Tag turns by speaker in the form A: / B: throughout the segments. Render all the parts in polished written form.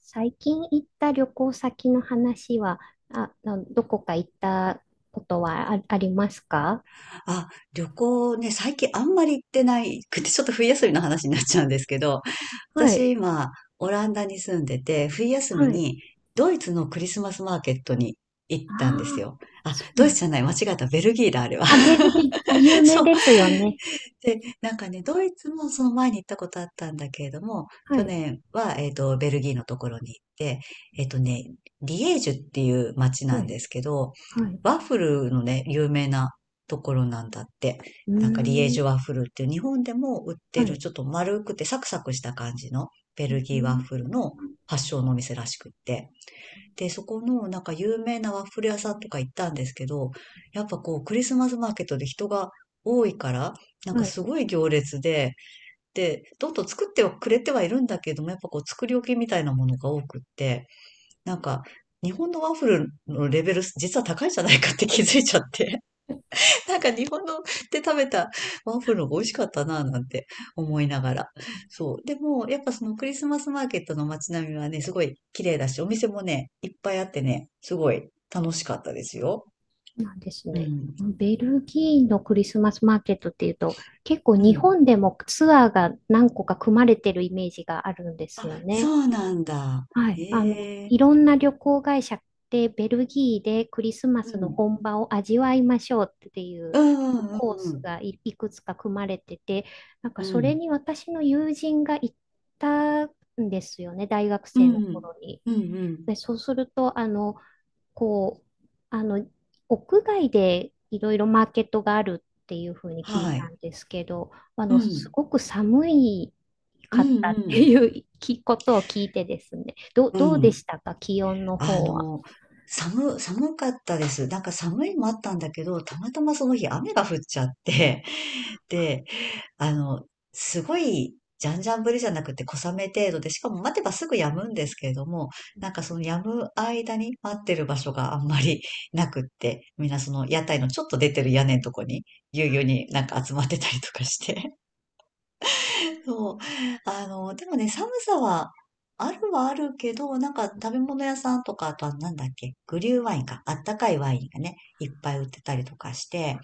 A: 最近行った旅行先の話は、どこか行ったことはありますか？
B: あ、旅行ね、最近あんまり行ってないくて、ちょっと冬休みの話になっちゃうんですけど、
A: はい、
B: 私今、オランダに住んでて、冬休み
A: はい。
B: にドイツのクリスマスマーケットに行っ
A: あ
B: たんです
A: あ、
B: よ。あ、
A: そう
B: ドイ
A: なん
B: ツ
A: だ。
B: じゃない、間違えた、ベルギーだ、あれは。
A: ベル ギー、あ、有名
B: そう、
A: ですよね。
B: で、なんかね、ドイツもその前に行ったことあったんだけれども、
A: は
B: 去
A: い、
B: 年は、ベルギーのところに行って、えっとね、リエージュっていう街
A: は
B: なん
A: い、
B: ですけど、
A: はい。
B: ワッフルのね、有名なところなんだって。
A: うー
B: なんかリエー
A: ん、
B: ジュワッフルっていう日本でも売っ
A: は
B: てる
A: い。
B: ちょっと丸くてサクサクした感じのベ
A: う
B: ル
A: ー
B: ギーワッ
A: ん、
B: フルの発祥のお店らしくって。で、そこのなんか有名なワッフル屋さんとか行ったんですけど、やっぱこうクリスマスマーケットで人が多いから、なん
A: は
B: か
A: い、
B: すごい行列で、で、どんどん作ってはくれてはいるんだけども、やっぱこう作り置きみたいなものが多くって、なんか日本のワッフルのレベル実は高いんじゃないかって気づいちゃって。なんか日本ので食べたワッフルの方が美味しかったな、なんて思いながら。そう。でも、やっぱそのクリスマスマーケットの街並みはね、すごい綺麗だし、お店もね、いっぱいあってね、すごい楽しかったですよ。
A: そうなんです
B: う
A: ね。
B: ん。
A: ベルギーのクリスマスマーケットっていうと、結構
B: う
A: 日
B: ん。
A: 本でもツアーが何個か組まれてるイメージがあるんですよ
B: そ
A: ね。
B: うなんだ。
A: はい。あの、
B: ええ、
A: いろんな旅行会社ってベルギーでクリスマ
B: う
A: スの
B: ん。
A: 本場を味わいましょうっていう
B: うんうん
A: コー
B: うんう
A: ス
B: ん。
A: がいくつか組まれてて、なんか
B: う
A: それ
B: ん。
A: に私の友人が行ったんですよね、大学
B: う
A: 生の
B: ん。
A: 頃に。
B: うんうん。
A: で、そうすると、あの、こう、あの、屋外でいろいろマーケットがあるっていうふうに聞い
B: は
A: た
B: い。
A: んですけど、あ
B: う
A: の、す
B: ん。
A: ごく寒い
B: う
A: か
B: ん
A: ったっ
B: う
A: て
B: ん。
A: いうきことを聞いてですね。
B: う
A: どうで
B: ん。
A: したか、気温の
B: あ
A: 方は？
B: の、寒かったです。なんか寒いのもあったんだけど、たまたまその日雨が降っちゃって、で、あの、すごい、じゃんじゃん降りじゃなくて小雨程度で、しかも待てばすぐ止むんですけれども、なんかその止む間に待ってる場所があんまりなくって、みんなその屋台のちょっと出てる屋根のとこに、ぎゅうぎゅうになんか集まってたりとかして。そう。でもね、寒さは、あるはあるけど、なんか食べ物屋さんとか、あとはなんだっけ、グリューワインか、あったかいワインがね、いっぱい売ってたりとかして、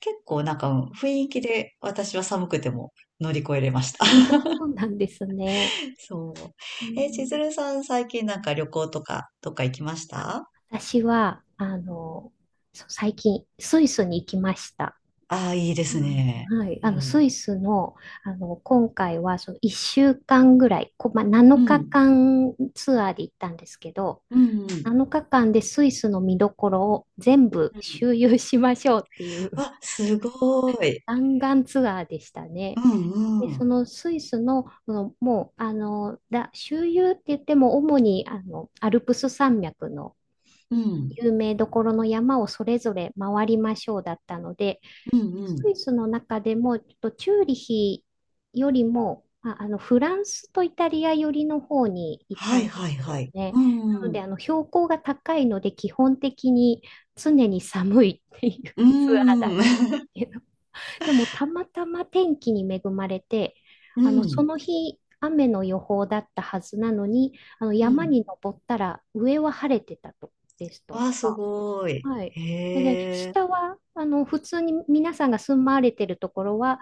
B: 結構なんか、うん、雰囲気で私は寒くても乗り越えれました。
A: そうなんですね。
B: そう。
A: う
B: え、千
A: ん。
B: 鶴さん最近なんか旅行とか、どっか行きまし
A: あ、
B: た？
A: 私は、あの、そう最近、スイスに行きました。
B: ああー、いいですね。
A: あ、はい、
B: う
A: あの
B: ん。
A: スイスの、あの今回はその1週間ぐらい、まあ、7
B: うん。
A: 日間ツアーで行ったんですけど、
B: うん。うん。
A: 7日間でスイスの見どころを全部
B: うん、
A: 周遊しましょうっていう
B: わ、すごい。
A: 弾丸ツアーでした
B: う
A: ね。
B: ん
A: で、
B: う
A: そ
B: ん。
A: のスイスの、そのもう、あの、だ、周遊って言っても主にあのアルプス山脈の
B: うん。
A: 有名どころの山をそれぞれ回りましょうだったので、
B: うんう
A: ス
B: ん。
A: イスの中でも、ちょっとチューリヒよりも、まあ、あのフランスとイタリア寄りの方に行っ
B: は
A: た
B: い
A: んで
B: はい
A: す
B: は
A: よ
B: い。
A: ね。
B: う
A: なの
B: ん。
A: で、
B: う
A: あの標高が高いので、基本的に常に寒いっていう
B: ー
A: ツ
B: ん。
A: アーだったんです けど、でもたまたま天気に恵まれて、
B: う
A: あのそ
B: ん。
A: の日、雨の予報だったはずなのに、あの
B: う
A: 山
B: ん。
A: に登ったら上は晴れてたとです
B: わ
A: と
B: あ、す
A: か。
B: ごい。
A: はい。
B: へ
A: で、
B: え。
A: 下は、あの、普通に皆さんが住まわれてるところは、あ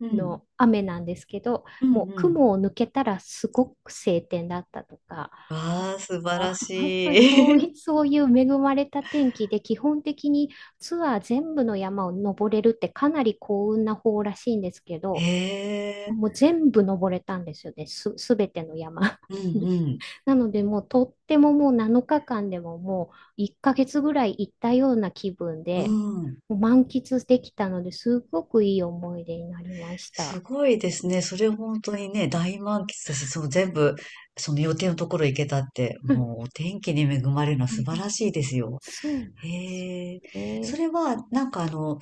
B: うん。
A: の、雨なんですけど、
B: うん。
A: もう
B: うん。
A: 雲を抜けたらすごく晴天だったとか、
B: わあ、素晴ら
A: あ、
B: し い。
A: そういう恵まれた天気で、基本的にツアー全部の山を登れるってかなり幸運な方らしいんですけ
B: へ
A: ど、
B: え。
A: もう全部登れたんですよね。すべての山
B: う
A: に。
B: ん。
A: なので、とっても、もう7日間でももう1ヶ月ぐらい行ったような気分
B: う
A: で、
B: ん。うん。
A: もう満喫できたので、すごくいい思い出になりまし
B: す
A: た。
B: ごいですね。それ本当にね、大満喫だし、そう全部、その予定のところ行けたって、もう
A: は
B: お天気に恵まれるのは素
A: い。
B: 晴らしいですよ。
A: そうなんですよ
B: へえ。そ
A: ね。
B: れは、なんか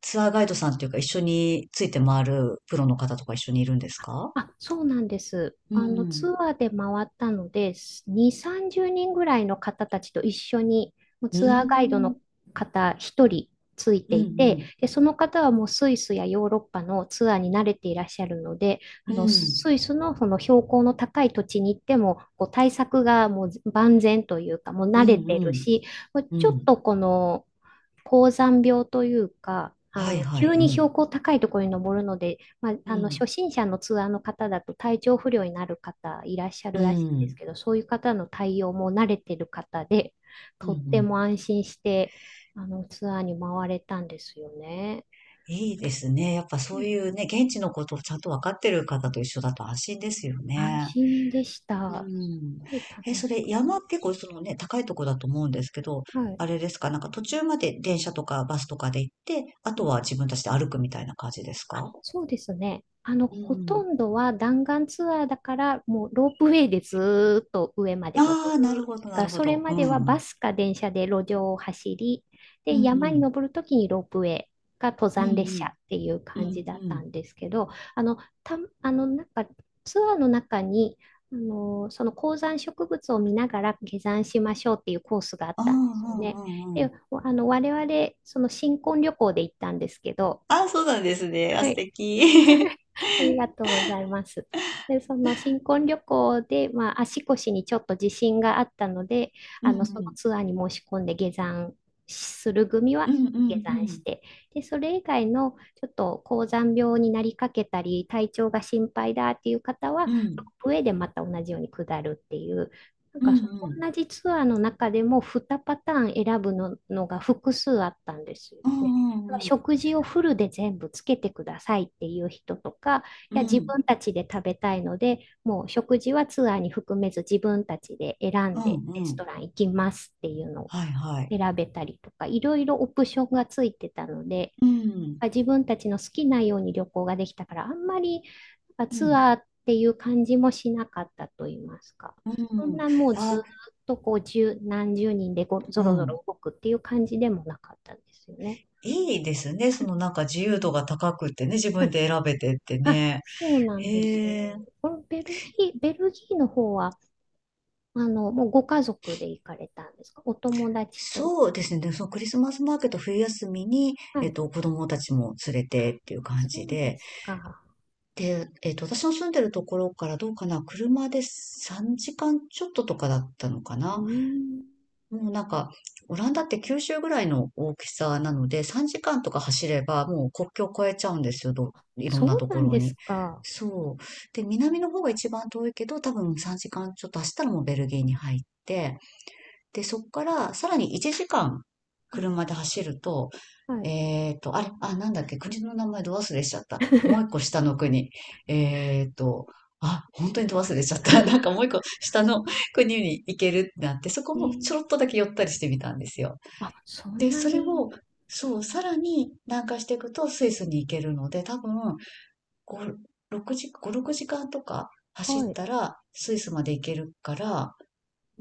B: ツアーガイドさんというか一緒について回るプロの方とか一緒にいるんですか？
A: あ、そうなんです。
B: うんう
A: あの、ツ
B: ん。
A: アーで回ったので、2、30人ぐらいの方たちと一緒に、もう
B: う
A: ツアーガイド
B: ん。
A: の方1人ついて
B: うんう
A: いて、
B: ん。
A: で、その方はもうスイスやヨーロッパのツアーに慣れていらっしゃるので、あ
B: う
A: の、
B: ん。
A: スイスのその標高の高い土地に行っても、こう対策がもう万全というか、もう慣
B: うん
A: れて
B: う
A: る
B: ん。
A: し、
B: う
A: ちょっ
B: ん。
A: とこの、高山病というか、あ
B: はい
A: の、
B: はい。
A: 急
B: う
A: に
B: ん。
A: 標高高いところに登るので、まあ、
B: う
A: あの、初
B: ん。
A: 心者のツアーの方だと体調不良になる方いらっしゃ
B: う
A: るらしいんです
B: ん。
A: けど、そういう方の対応も慣れてる方で、
B: う
A: とって
B: ん。
A: も安心して、あの、ツアーに回れたんですよね。
B: いいですね。やっぱ
A: う
B: そう
A: ん、
B: いうね、現地のことをちゃんとわかってる方と一緒だと安心ですよ
A: 安
B: ね。
A: 心でし
B: う
A: た。
B: ん。
A: すごい楽
B: え、そ
A: し
B: れ
A: かっ
B: 山結構そのね、高いとこだと思うんですけど、
A: た。はい。
B: あれですか、なんか途中まで電車とかバスとかで行って、あとは自分たちで歩くみたいな感じですか？
A: そうですね。あの、
B: う
A: ほと
B: ん。
A: んどは弾丸ツアーだから、もうロープウェイでずーっと上まで登
B: ああ、なる
A: る。
B: ほど、
A: だか
B: な
A: ら
B: るほ
A: それ
B: ど。
A: ま
B: うん
A: では
B: う
A: バ
B: ん。
A: スか電車で路上を走り、
B: う
A: で、
B: んう
A: 山に
B: ん。
A: 登るときにロープウェイか登
B: うんう
A: 山列車っ
B: ん。
A: ていう
B: うん
A: 感じだ
B: う
A: った
B: ん。
A: んですけど、あの、なんかツアーの中に、あの、その高山植物を見ながら下山しましょうっていうコースがあっ
B: ああ、う
A: たんですよ
B: んう
A: ね。
B: んう
A: で、
B: ん。
A: あの、我々、その新婚旅行で行ったんですけど、
B: ああ、そうなんですね。あ、
A: は
B: 素
A: い。
B: 敵。
A: ありがとうございます。で、その新婚旅行で、まあ、足腰にちょっと自信があったので、
B: うん
A: あ
B: う
A: の、その
B: ん。
A: ツアーに申し込んで下山する組
B: う
A: は
B: んう
A: 下
B: んう
A: 山し
B: ん。
A: て、で、それ以外のちょっと高山病になりかけたり、体調が心配だっていう方は、
B: う
A: 上
B: ん。
A: でまた同じように下るっていう、なん
B: うんう
A: かその
B: ん。
A: 同じツアーの中でも2パターン選ぶの、のが複数あったんですよ
B: う
A: ね。
B: んうんうん。
A: 食事をフルで全部つけてくださいっていう人とか、
B: う
A: いや、自
B: ん。
A: 分たちで食べたいので、もう食事はツアーに含めず自分たちで選
B: う
A: んで
B: ん
A: レ
B: う
A: ス
B: ん。
A: トラン行きますっていうのを
B: はいはい。
A: 選べたりとか、いろいろオプションがついてたので、
B: うん。
A: 自分たちの好きなように旅行ができたから、あんまり
B: う
A: ツ
B: ん
A: アーっていう感じもしなかったと言いますか。
B: う
A: そん
B: ん。
A: なもう
B: あ、
A: ずっとこう十何十人でご
B: う
A: ろぞ
B: ん。
A: ろ動くっていう感じでもなかったんですよね。
B: いいですね。そのなんか自由度が高くってね、自分 で選べてって
A: あ、
B: ね。
A: そうなんです。
B: へえ。
A: このベルギーの方は、あの、もうご家族で行かれたんですか、お友達と？
B: そうですね。で、そのクリスマスマーケット冬休みに、
A: はい。
B: 子供たちも連れてっていう感
A: そ
B: じ
A: うで
B: で。
A: すか。
B: で、私の住んでるところからどうかな、車で3時間ちょっととかだったのか
A: うー
B: な。
A: ん。
B: もうなんか、オランダって九州ぐらいの大きさなので、3時間とか走ればもう国境を越えちゃうんですよ、いろん
A: そ
B: な
A: う
B: と
A: な
B: こ
A: ん
B: ろ
A: です
B: に。
A: か。
B: そう。で、南の方が一番遠いけど、多分3時間ちょっと走ったらもうベルギーに入って、で、そこからさらに1時間
A: はい。
B: 車で走ると、
A: はい。
B: あれ、あ、なんだっけ、国の名前ど忘れしちゃった。もう一個 下の国。えっと、あ、本当にど忘れしちゃった。なんかもう一個下の国に行けるってなって、そこ
A: え
B: も
A: ー、
B: ちょろっとだけ寄ったりしてみたんですよ。
A: あ、そん
B: で、
A: な
B: それ
A: に。
B: を、そう、さらに南下していくとスイスに行けるので、多分、5、6時、5、6時間とか走
A: は
B: っ
A: い。
B: たらスイスまで行けるから、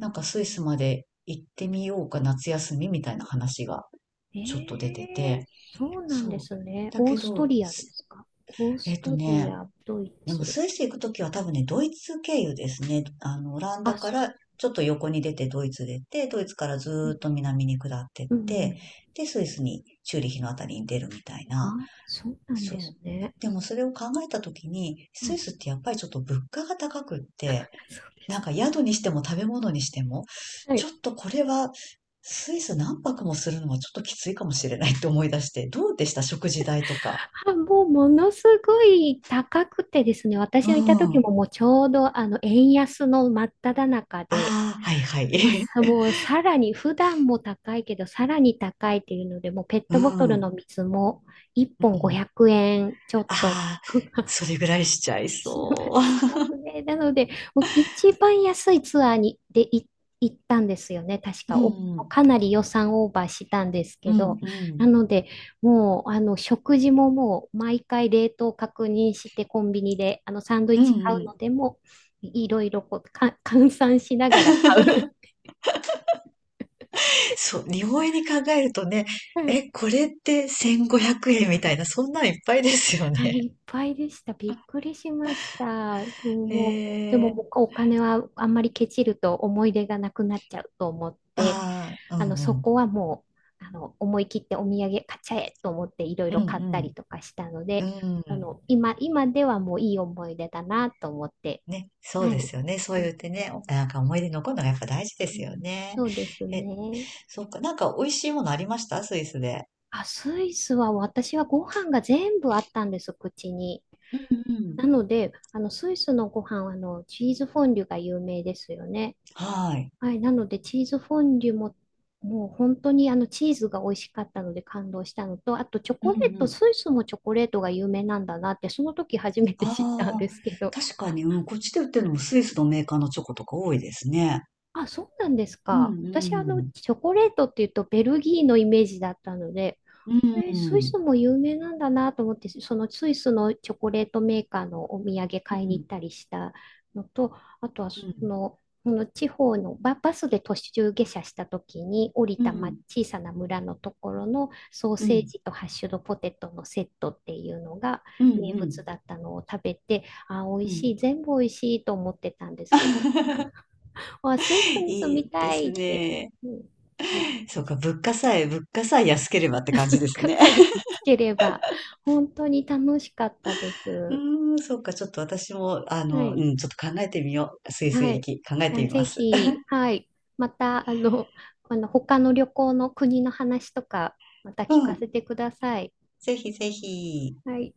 B: なんかスイスまで行ってみようか、夏休みみたいな話がちょっと
A: え
B: 出て
A: え、
B: て。
A: そうなん
B: そう。
A: ですね。
B: だ
A: オー
B: け
A: スト
B: ど、
A: リアで
B: す
A: すか？オー
B: え
A: ス
B: っと
A: トリ
B: ね、
A: ア、ドイ
B: でも
A: ツ。
B: スイス行くときは多分ね、ドイツ経由ですね。オラン
A: あ、
B: ダか
A: す、
B: らちょっと横に出てドイツ出て、ドイツからず
A: う
B: ーっ
A: ん、
B: と南に下ってっ
A: うん、う
B: て、
A: ん。
B: で、スイスにチューリヒのあたりに出るみたい
A: あ、
B: な。
A: そうなんで
B: そう。
A: すね。
B: でもそれを考えたときに、スイスってやっぱりちょっと物価が高くって、なんか宿にしても食べ物にしても、
A: は
B: ち
A: い。
B: ょっとこれはスイス何泊もするのはちょっときついかもしれないって思い出して、どうでした、食事代とか？
A: あ、もうものすごい高くてですね、私
B: う
A: がいた時
B: ん。
A: ももうちょうどあの円安の真っ只中
B: あ
A: で、
B: あ、はいはい。
A: まあさもうさらに普段も高いけど、さらに高いっていうので、もうペッ
B: う
A: トボト
B: ん。う
A: ル
B: ん。
A: の水も1本500円ちょっと
B: ああ、それぐらいしちゃい
A: し
B: そ
A: ますね。なので、もう一番安いツアーに行ったんですよね、確
B: う。う
A: か。お、
B: んうん。
A: かなり予算オーバーしたんです
B: う
A: け
B: ん
A: ど、
B: う
A: な
B: ん。
A: ので、もうあの食事ももう毎回冷凍確認して、コンビニであのサンドイッ
B: うん
A: チ買
B: う
A: う
B: ん。
A: のでも、いろいろこうか 換算しながら買う。
B: そう、日本円に考えるとね、
A: は
B: え、
A: い、
B: これって1500円みたいな、そんなんいっぱいですよ
A: あ、
B: ね。
A: いっぱいでした。びっくりしました。もう、もうで
B: へ
A: も
B: え。
A: 僕お金はあんまりケチると思い出がなくなっちゃうと思って、
B: ああ、う
A: あの、
B: ん
A: そ
B: うん。
A: こはもう、あの、思い切ってお土産買っちゃえと思っていろい
B: う
A: ろ買ったり
B: ん
A: とかしたの
B: う
A: で、
B: ん。う
A: あ
B: ん。
A: の、今ではもういい思い出だなと思って、
B: ね、そ
A: は
B: うで
A: い。
B: すよね。そ
A: う
B: う
A: ん、
B: 言ってね、
A: う
B: おなんか思い出残るのがやっぱ大事ですよ
A: ん、
B: ね。
A: そうです
B: え、
A: ね。
B: そっか、なんか美味しいものありました、スイスで？
A: あ、スイスは私はご飯が全部あったんです、口に。
B: うん、
A: なので、あの、スイスのご飯は、あの、チーズフォンデュが有名ですよね。
B: はい。
A: はい、なのでチーズフォンデュも、もう本当にあのチーズが美味しかったので感動したのと、あとチョ
B: うん
A: コ
B: うん
A: レ
B: う
A: ート、
B: ん。
A: スイスもチョコレートが有名なんだなって、その時初めて知ったん
B: ああ、
A: ですけど。
B: 確かに、うん、こっちで売ってるのもスイスのメーカーのチョコとか多いですね。
A: あ、そうなんです
B: うん
A: か。
B: う
A: 私、あの、
B: ん
A: チョコレートっていうとベルギーのイメージだったので、
B: うん
A: え
B: う
A: ー、スイ
B: ん
A: スも有名なんだなと思って、そのスイスのチョコレートメーカーのお土産買い
B: う
A: に行っ
B: ん
A: たりしたのと、あとはそ
B: うん
A: の、その地方のバスで途中下車した時に降り
B: う
A: た、ま、
B: ん
A: 小さな村のところのソー
B: うんう
A: セージ
B: ん
A: とハッシュドポテトのセットっていうのが
B: う
A: 名物
B: ん
A: だったのを食べて、あー、美
B: う
A: 味し
B: ん。
A: い、全部美味しいと思ってたんですけど、あー、スイスに住
B: いい
A: み
B: で
A: たい
B: す
A: って、
B: ね。
A: うん、思いま
B: そう
A: し
B: か、
A: た。
B: 物価さえ安ければって感じ
A: 文
B: です
A: 化
B: ね。
A: 祭がつければ、本当に楽しかったで
B: う
A: す。
B: ーん、そうか、ちょっと私も、
A: は
B: う
A: い。
B: ん、ちょっと考えてみよう。スイス
A: は
B: イ
A: い。
B: 行き、考え
A: いや、
B: てみ
A: ぜ
B: ます。
A: ひ、はい。また、あの、この他の旅行の国の話とか、また
B: う
A: 聞か
B: ん、
A: せてください。
B: ぜひぜひ。
A: はい。